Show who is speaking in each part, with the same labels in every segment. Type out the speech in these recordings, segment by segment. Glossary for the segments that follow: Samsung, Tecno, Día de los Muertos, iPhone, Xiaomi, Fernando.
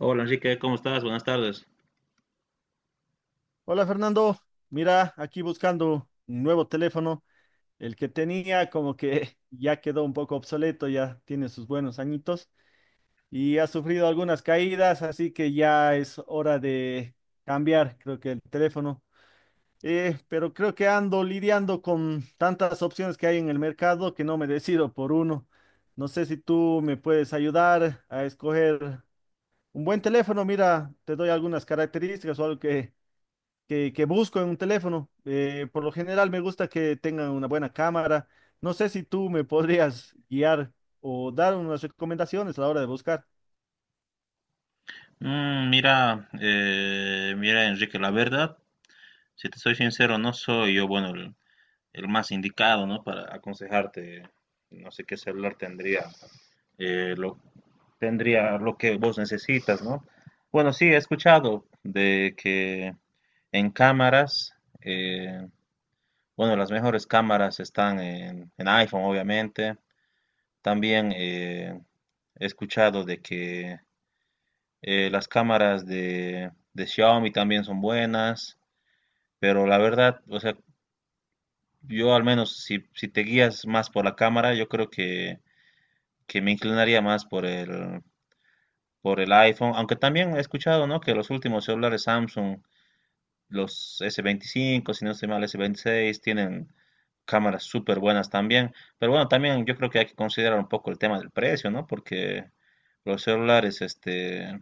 Speaker 1: Hola Enrique, ¿cómo estás? Buenas tardes.
Speaker 2: Hola Fernando, mira, aquí buscando un nuevo teléfono. El que tenía como que ya quedó un poco obsoleto, ya tiene sus buenos añitos y ha sufrido algunas caídas, así que ya es hora de cambiar, creo que el teléfono. Pero creo que ando lidiando con tantas opciones que hay en el mercado que no me decido por uno. No sé si tú me puedes ayudar a escoger un buen teléfono. Mira, te doy algunas características o algo que busco en un teléfono. Por lo general me gusta que tengan una buena cámara. No sé si tú me podrías guiar o dar unas recomendaciones a la hora de buscar.
Speaker 1: Mira, Enrique, la verdad, si te soy sincero, no soy yo, bueno, el más indicado, ¿no? Para aconsejarte, no sé qué celular tendría, eh, lo, tendría lo que vos necesitas, ¿no? Bueno, sí, he escuchado de que en cámaras, eh, bueno, las mejores cámaras están en iPhone, obviamente. También he escuchado de que las cámaras de Xiaomi también son buenas, pero la verdad, o sea, yo al menos si te guías más por la cámara, yo creo que me inclinaría más por el iPhone, aunque también he escuchado, ¿no?, que los últimos celulares Samsung, los S25, si no estoy mal, S26, tienen cámaras súper buenas también, pero bueno, también yo creo que hay que considerar un poco el tema del precio, ¿no?, porque los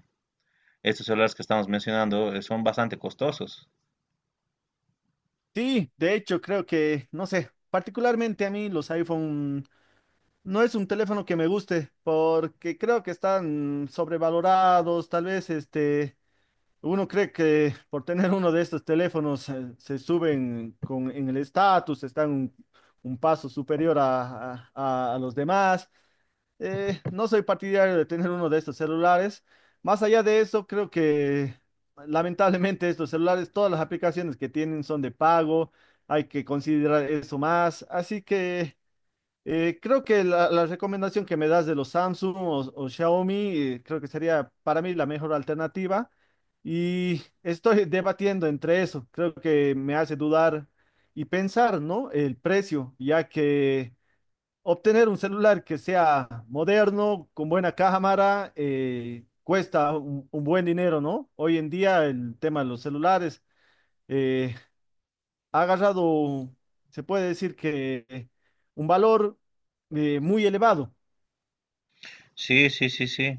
Speaker 1: estos celulares que estamos mencionando, son bastante costosos.
Speaker 2: Sí, de hecho creo que, no sé, particularmente a mí los iPhone no es un teléfono que me guste porque creo que están sobrevalorados. Tal vez este, uno cree que por tener uno de estos teléfonos se suben con, en el estatus, están un paso superior a a los demás. No soy partidario de tener uno de estos celulares. Más allá de eso, creo que lamentablemente estos celulares, todas las aplicaciones que tienen son de pago. Hay que considerar eso más. Así que creo que la recomendación que me das de los Samsung o Xiaomi, creo que sería para mí la mejor alternativa. Y estoy debatiendo entre eso. Creo que me hace dudar y pensar, ¿no? El precio, ya que... Obtener un celular que sea moderno, con buena cámara, cuesta un buen dinero, ¿no? Hoy en día el tema de los celulares eh, ha agarrado, se puede decir que un valor muy elevado.
Speaker 1: Sí, sí, sí, sí.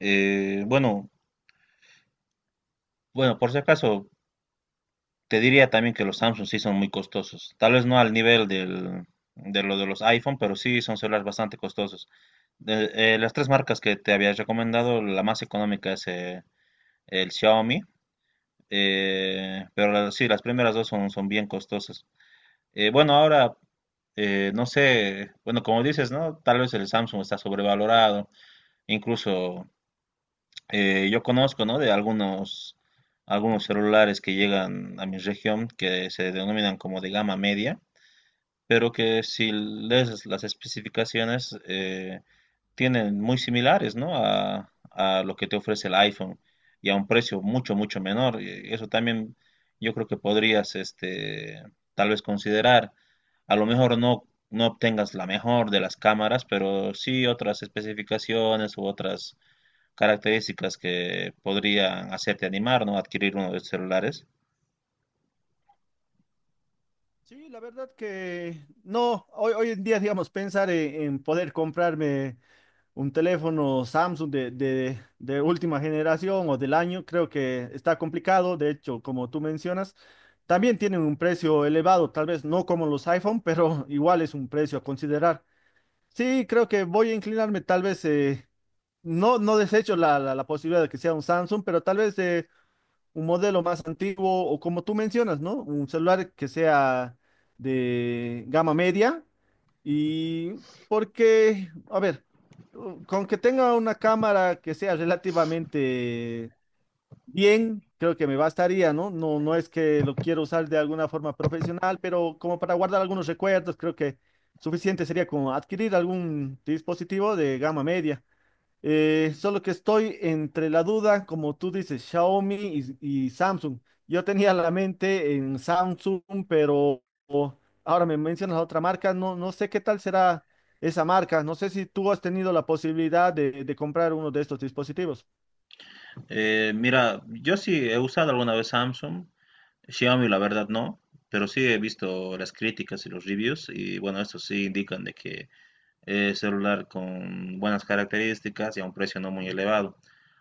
Speaker 1: Bueno, bueno, por si acaso, te diría también que los Samsung sí son muy costosos. Tal vez no al nivel de lo de los iPhone, pero sí son celulares bastante costosos. De- las tres marcas que te había recomendado, la más económica es el Xiaomi, sí, las primeras dos son, son bien costosas. Bueno, ahora, no sé, bueno, como dices, ¿no? Tal vez el Samsung está sobrevalorado, incluso yo conozco, ¿no?, de algunos celulares que llegan a mi región que se denominan como de gama media, pero que si lees las especificaciones tienen muy similares, ¿no?, a lo que te ofrece el iPhone y a un precio mucho, mucho menor. Y eso también yo creo que podrías tal vez considerar. A lo mejor no obtengas la mejor de las cámaras, pero sí otras especificaciones u otras características que podrían hacerte animar, ¿no?, adquirir uno de estos celulares.
Speaker 2: Sí, la verdad que no, hoy, hoy en día, digamos, pensar en poder comprarme un teléfono Samsung de última generación o del año, creo que está complicado. De hecho, como tú mencionas, también tienen un precio elevado, tal vez no como los iPhone, pero igual es un precio a considerar. Sí, creo que voy a inclinarme, tal vez, no, no desecho la posibilidad de que sea un Samsung, pero tal vez... un modelo más antiguo o como tú mencionas, ¿no? Un celular que sea de gama media y porque, a ver, con que tenga una cámara que sea relativamente bien, creo que me bastaría, ¿no? No, no es que lo quiero usar de alguna forma profesional, pero como para guardar algunos recuerdos, creo que suficiente sería como adquirir algún dispositivo de gama media. Solo que estoy entre la duda, como tú dices, Xiaomi y Samsung. Yo tenía la mente en Samsung, pero ahora me mencionas otra marca. No, no sé qué tal será esa marca. No sé si tú has tenido la posibilidad de comprar uno de estos dispositivos.
Speaker 1: Mira, yo sí he usado alguna vez Samsung, Xiaomi la verdad no, pero sí he visto las críticas y los reviews y bueno, estos sí indican de que es celular con buenas características y a un precio no muy elevado.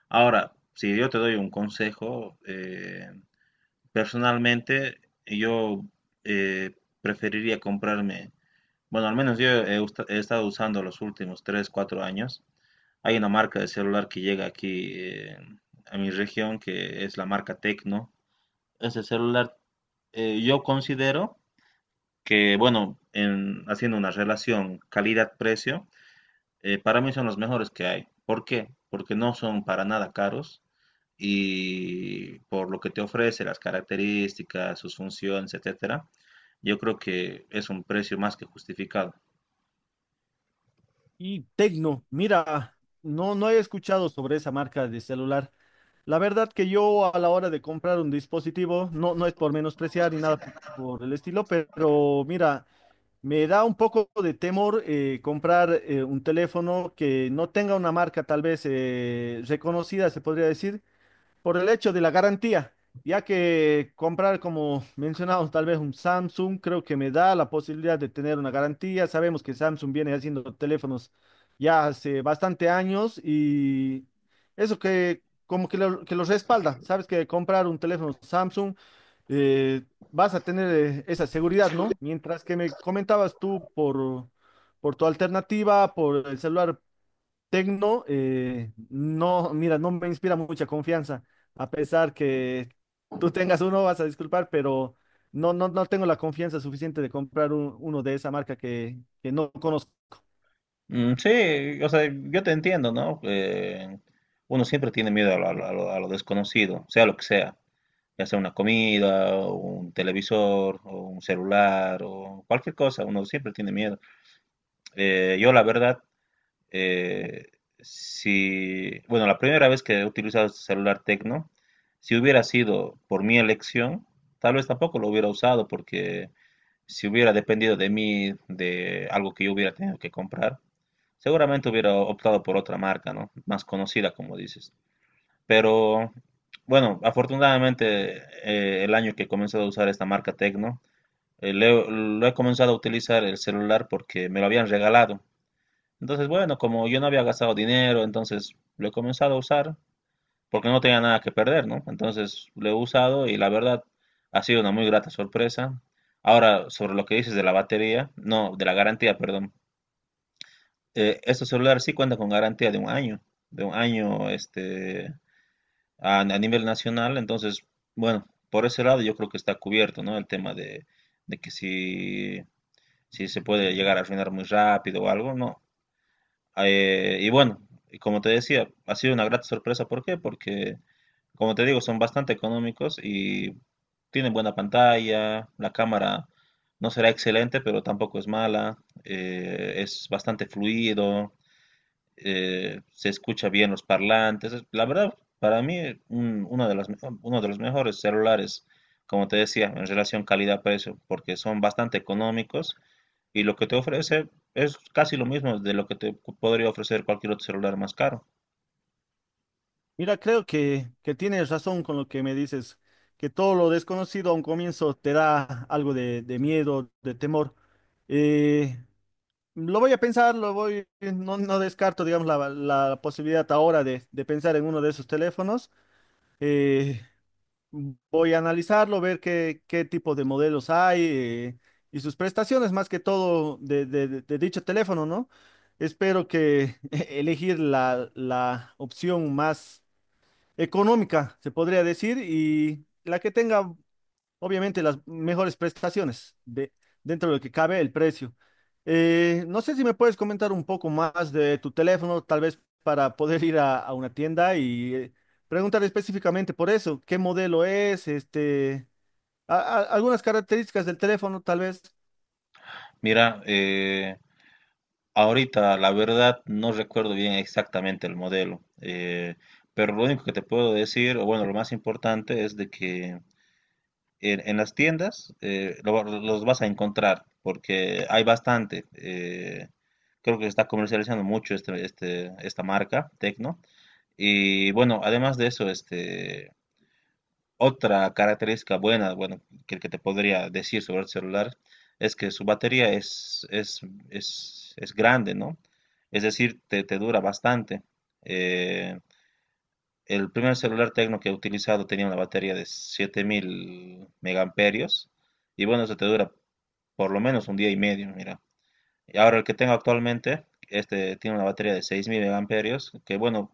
Speaker 1: Ahora, si yo te doy un consejo, personalmente yo eh, preferiría comprarme, bueno, al menos yo he estado usando los últimos 3 4 años. Hay una marca de celular que llega aquí a mi región, que es la marca Tecno. Ese celular yo considero que, bueno, haciendo una relación calidad-precio, para mí son los mejores que hay. ¿Por qué? Porque no son para nada caros y por lo que te ofrece, las características, sus funciones, etcétera, yo creo que es un precio más que justificado.
Speaker 2: Y Tecno, mira, no, no he escuchado sobre esa marca de celular. La verdad que yo a la hora de comprar un dispositivo, no, no es por menospreciar ni nada por el estilo, pero mira. Me da un poco de temor comprar un teléfono que no tenga una marca tal vez reconocida, se podría decir, por el hecho de la garantía, ya que comprar, como mencionamos, tal vez un Samsung, creo que me da la posibilidad de tener una garantía. Sabemos que Samsung viene haciendo teléfonos ya hace bastante años y eso que como que lo respalda. Sabes que comprar un teléfono Samsung eh, vas a tener esa seguridad, ¿no? Mientras que me comentabas tú por tu alternativa, por el celular Tecno, no, mira, no me inspira mucha confianza, a pesar que tú tengas uno, vas a disculpar, pero no, no, no tengo la confianza suficiente de comprar uno de esa marca que no conozco.
Speaker 1: Mm. Sí, o sea, yo te entiendo, ¿no? Uno siempre tiene miedo a lo desconocido, sea lo que sea, ya sea una comida, o un televisor, o un celular, o cualquier cosa, uno siempre tiene miedo. Yo la verdad, eh, si, bueno, la primera vez que he utilizado este celular Tecno, si hubiera sido por mi elección, tal vez tampoco lo hubiera usado, porque si hubiera dependido de mí, de algo que yo hubiera tenido que comprar, seguramente hubiera optado por otra marca, ¿no?, más conocida, como dices. Pero bueno, afortunadamente el año que he comenzado a usar esta marca Tecno, lo he comenzado a utilizar el celular porque me lo habían regalado. Entonces, bueno, como yo no había gastado dinero, entonces lo he comenzado a usar porque no tenía nada que perder, ¿no? Entonces lo he usado y la verdad ha sido una muy grata sorpresa. Ahora, sobre lo que dices de la batería, no, de la garantía, perdón, este celular sí cuenta con garantía de un año, de un año, a nivel nacional. Entonces, bueno, por ese lado yo creo que está cubierto, ¿no?, el tema de que si se puede llegar a arruinar muy rápido o algo, no. Y bueno, y como te decía, ha sido una grata sorpresa. ¿Por qué? Porque, como te digo, son bastante económicos y tienen buena pantalla, la cámara no será excelente, pero tampoco es mala, es bastante fluido, se escucha bien los parlantes. La verdad, para mí, uno de uno de los mejores celulares, como te decía, en relación calidad-precio, porque son bastante económicos y lo que te ofrece es casi lo mismo de lo que te podría ofrecer cualquier otro celular más caro.
Speaker 2: Mira, creo que tienes razón con lo que me dices, que todo lo desconocido a un comienzo te da algo de miedo, de temor. Eh, lo voy a pensar, lo voy, no, no descarto, digamos, la posibilidad ahora de pensar en uno de esos teléfonos. Eh, Voy a analizarlo, ver qué, qué tipo de modelos hay y sus prestaciones, más que todo de, de dicho teléfono, ¿no? Espero que elegir la opción más económica, se podría decir, y la que tenga obviamente las mejores prestaciones de, dentro de lo que cabe el precio. No sé si me puedes comentar un poco más de tu teléfono, tal vez para poder ir a una tienda y preguntar específicamente por eso, qué modelo es, este, algunas características del teléfono, tal vez.
Speaker 1: Mira, ahorita la verdad no recuerdo bien exactamente el modelo, pero lo único que te puedo decir, o bueno, lo más importante es de que en las tiendas los vas a encontrar porque hay bastante. Creo que se está comercializando mucho esta marca, Tecno. Y bueno, además de eso, otra característica buena, bueno, que te podría decir sobre el celular es que su batería es grande, ¿no? Es decir, te dura bastante. Eh, el primer celular Tecno que he utilizado tenía una batería de 7000 megamperios y bueno, eso te dura por lo menos un día y medio, mira. Y ahora el que tengo actualmente, este tiene una batería de 6000 megamperios que, bueno,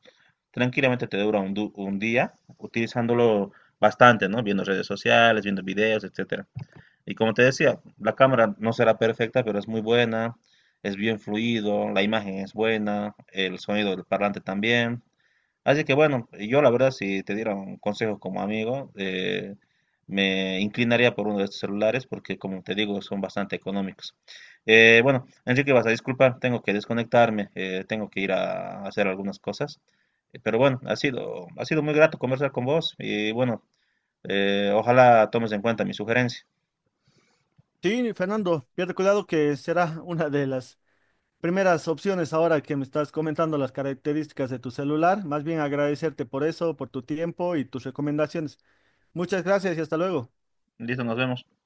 Speaker 1: tranquilamente te dura un día utilizándolo bastante, ¿no?, viendo redes sociales, viendo videos, etcétera. Y como te decía, la cámara no será perfecta, pero es muy buena, es bien fluido, la imagen es buena, el sonido del parlante también. Así que bueno, yo la verdad, si te diera un consejo como amigo, me inclinaría por uno de estos celulares porque, como te digo, son bastante económicos. Bueno, Enrique, vas a disculpar, tengo que desconectarme, tengo que ir a hacer algunas cosas. Pero bueno, ha sido muy grato conversar con vos y bueno, ojalá tomes en cuenta mi sugerencia.
Speaker 2: Sí, Fernando, pierde cuidado que será una de las primeras opciones ahora que me estás comentando las características de tu celular. Más bien agradecerte por eso, por tu tiempo y tus recomendaciones. Muchas gracias y hasta luego.
Speaker 1: Listo, nos vemos.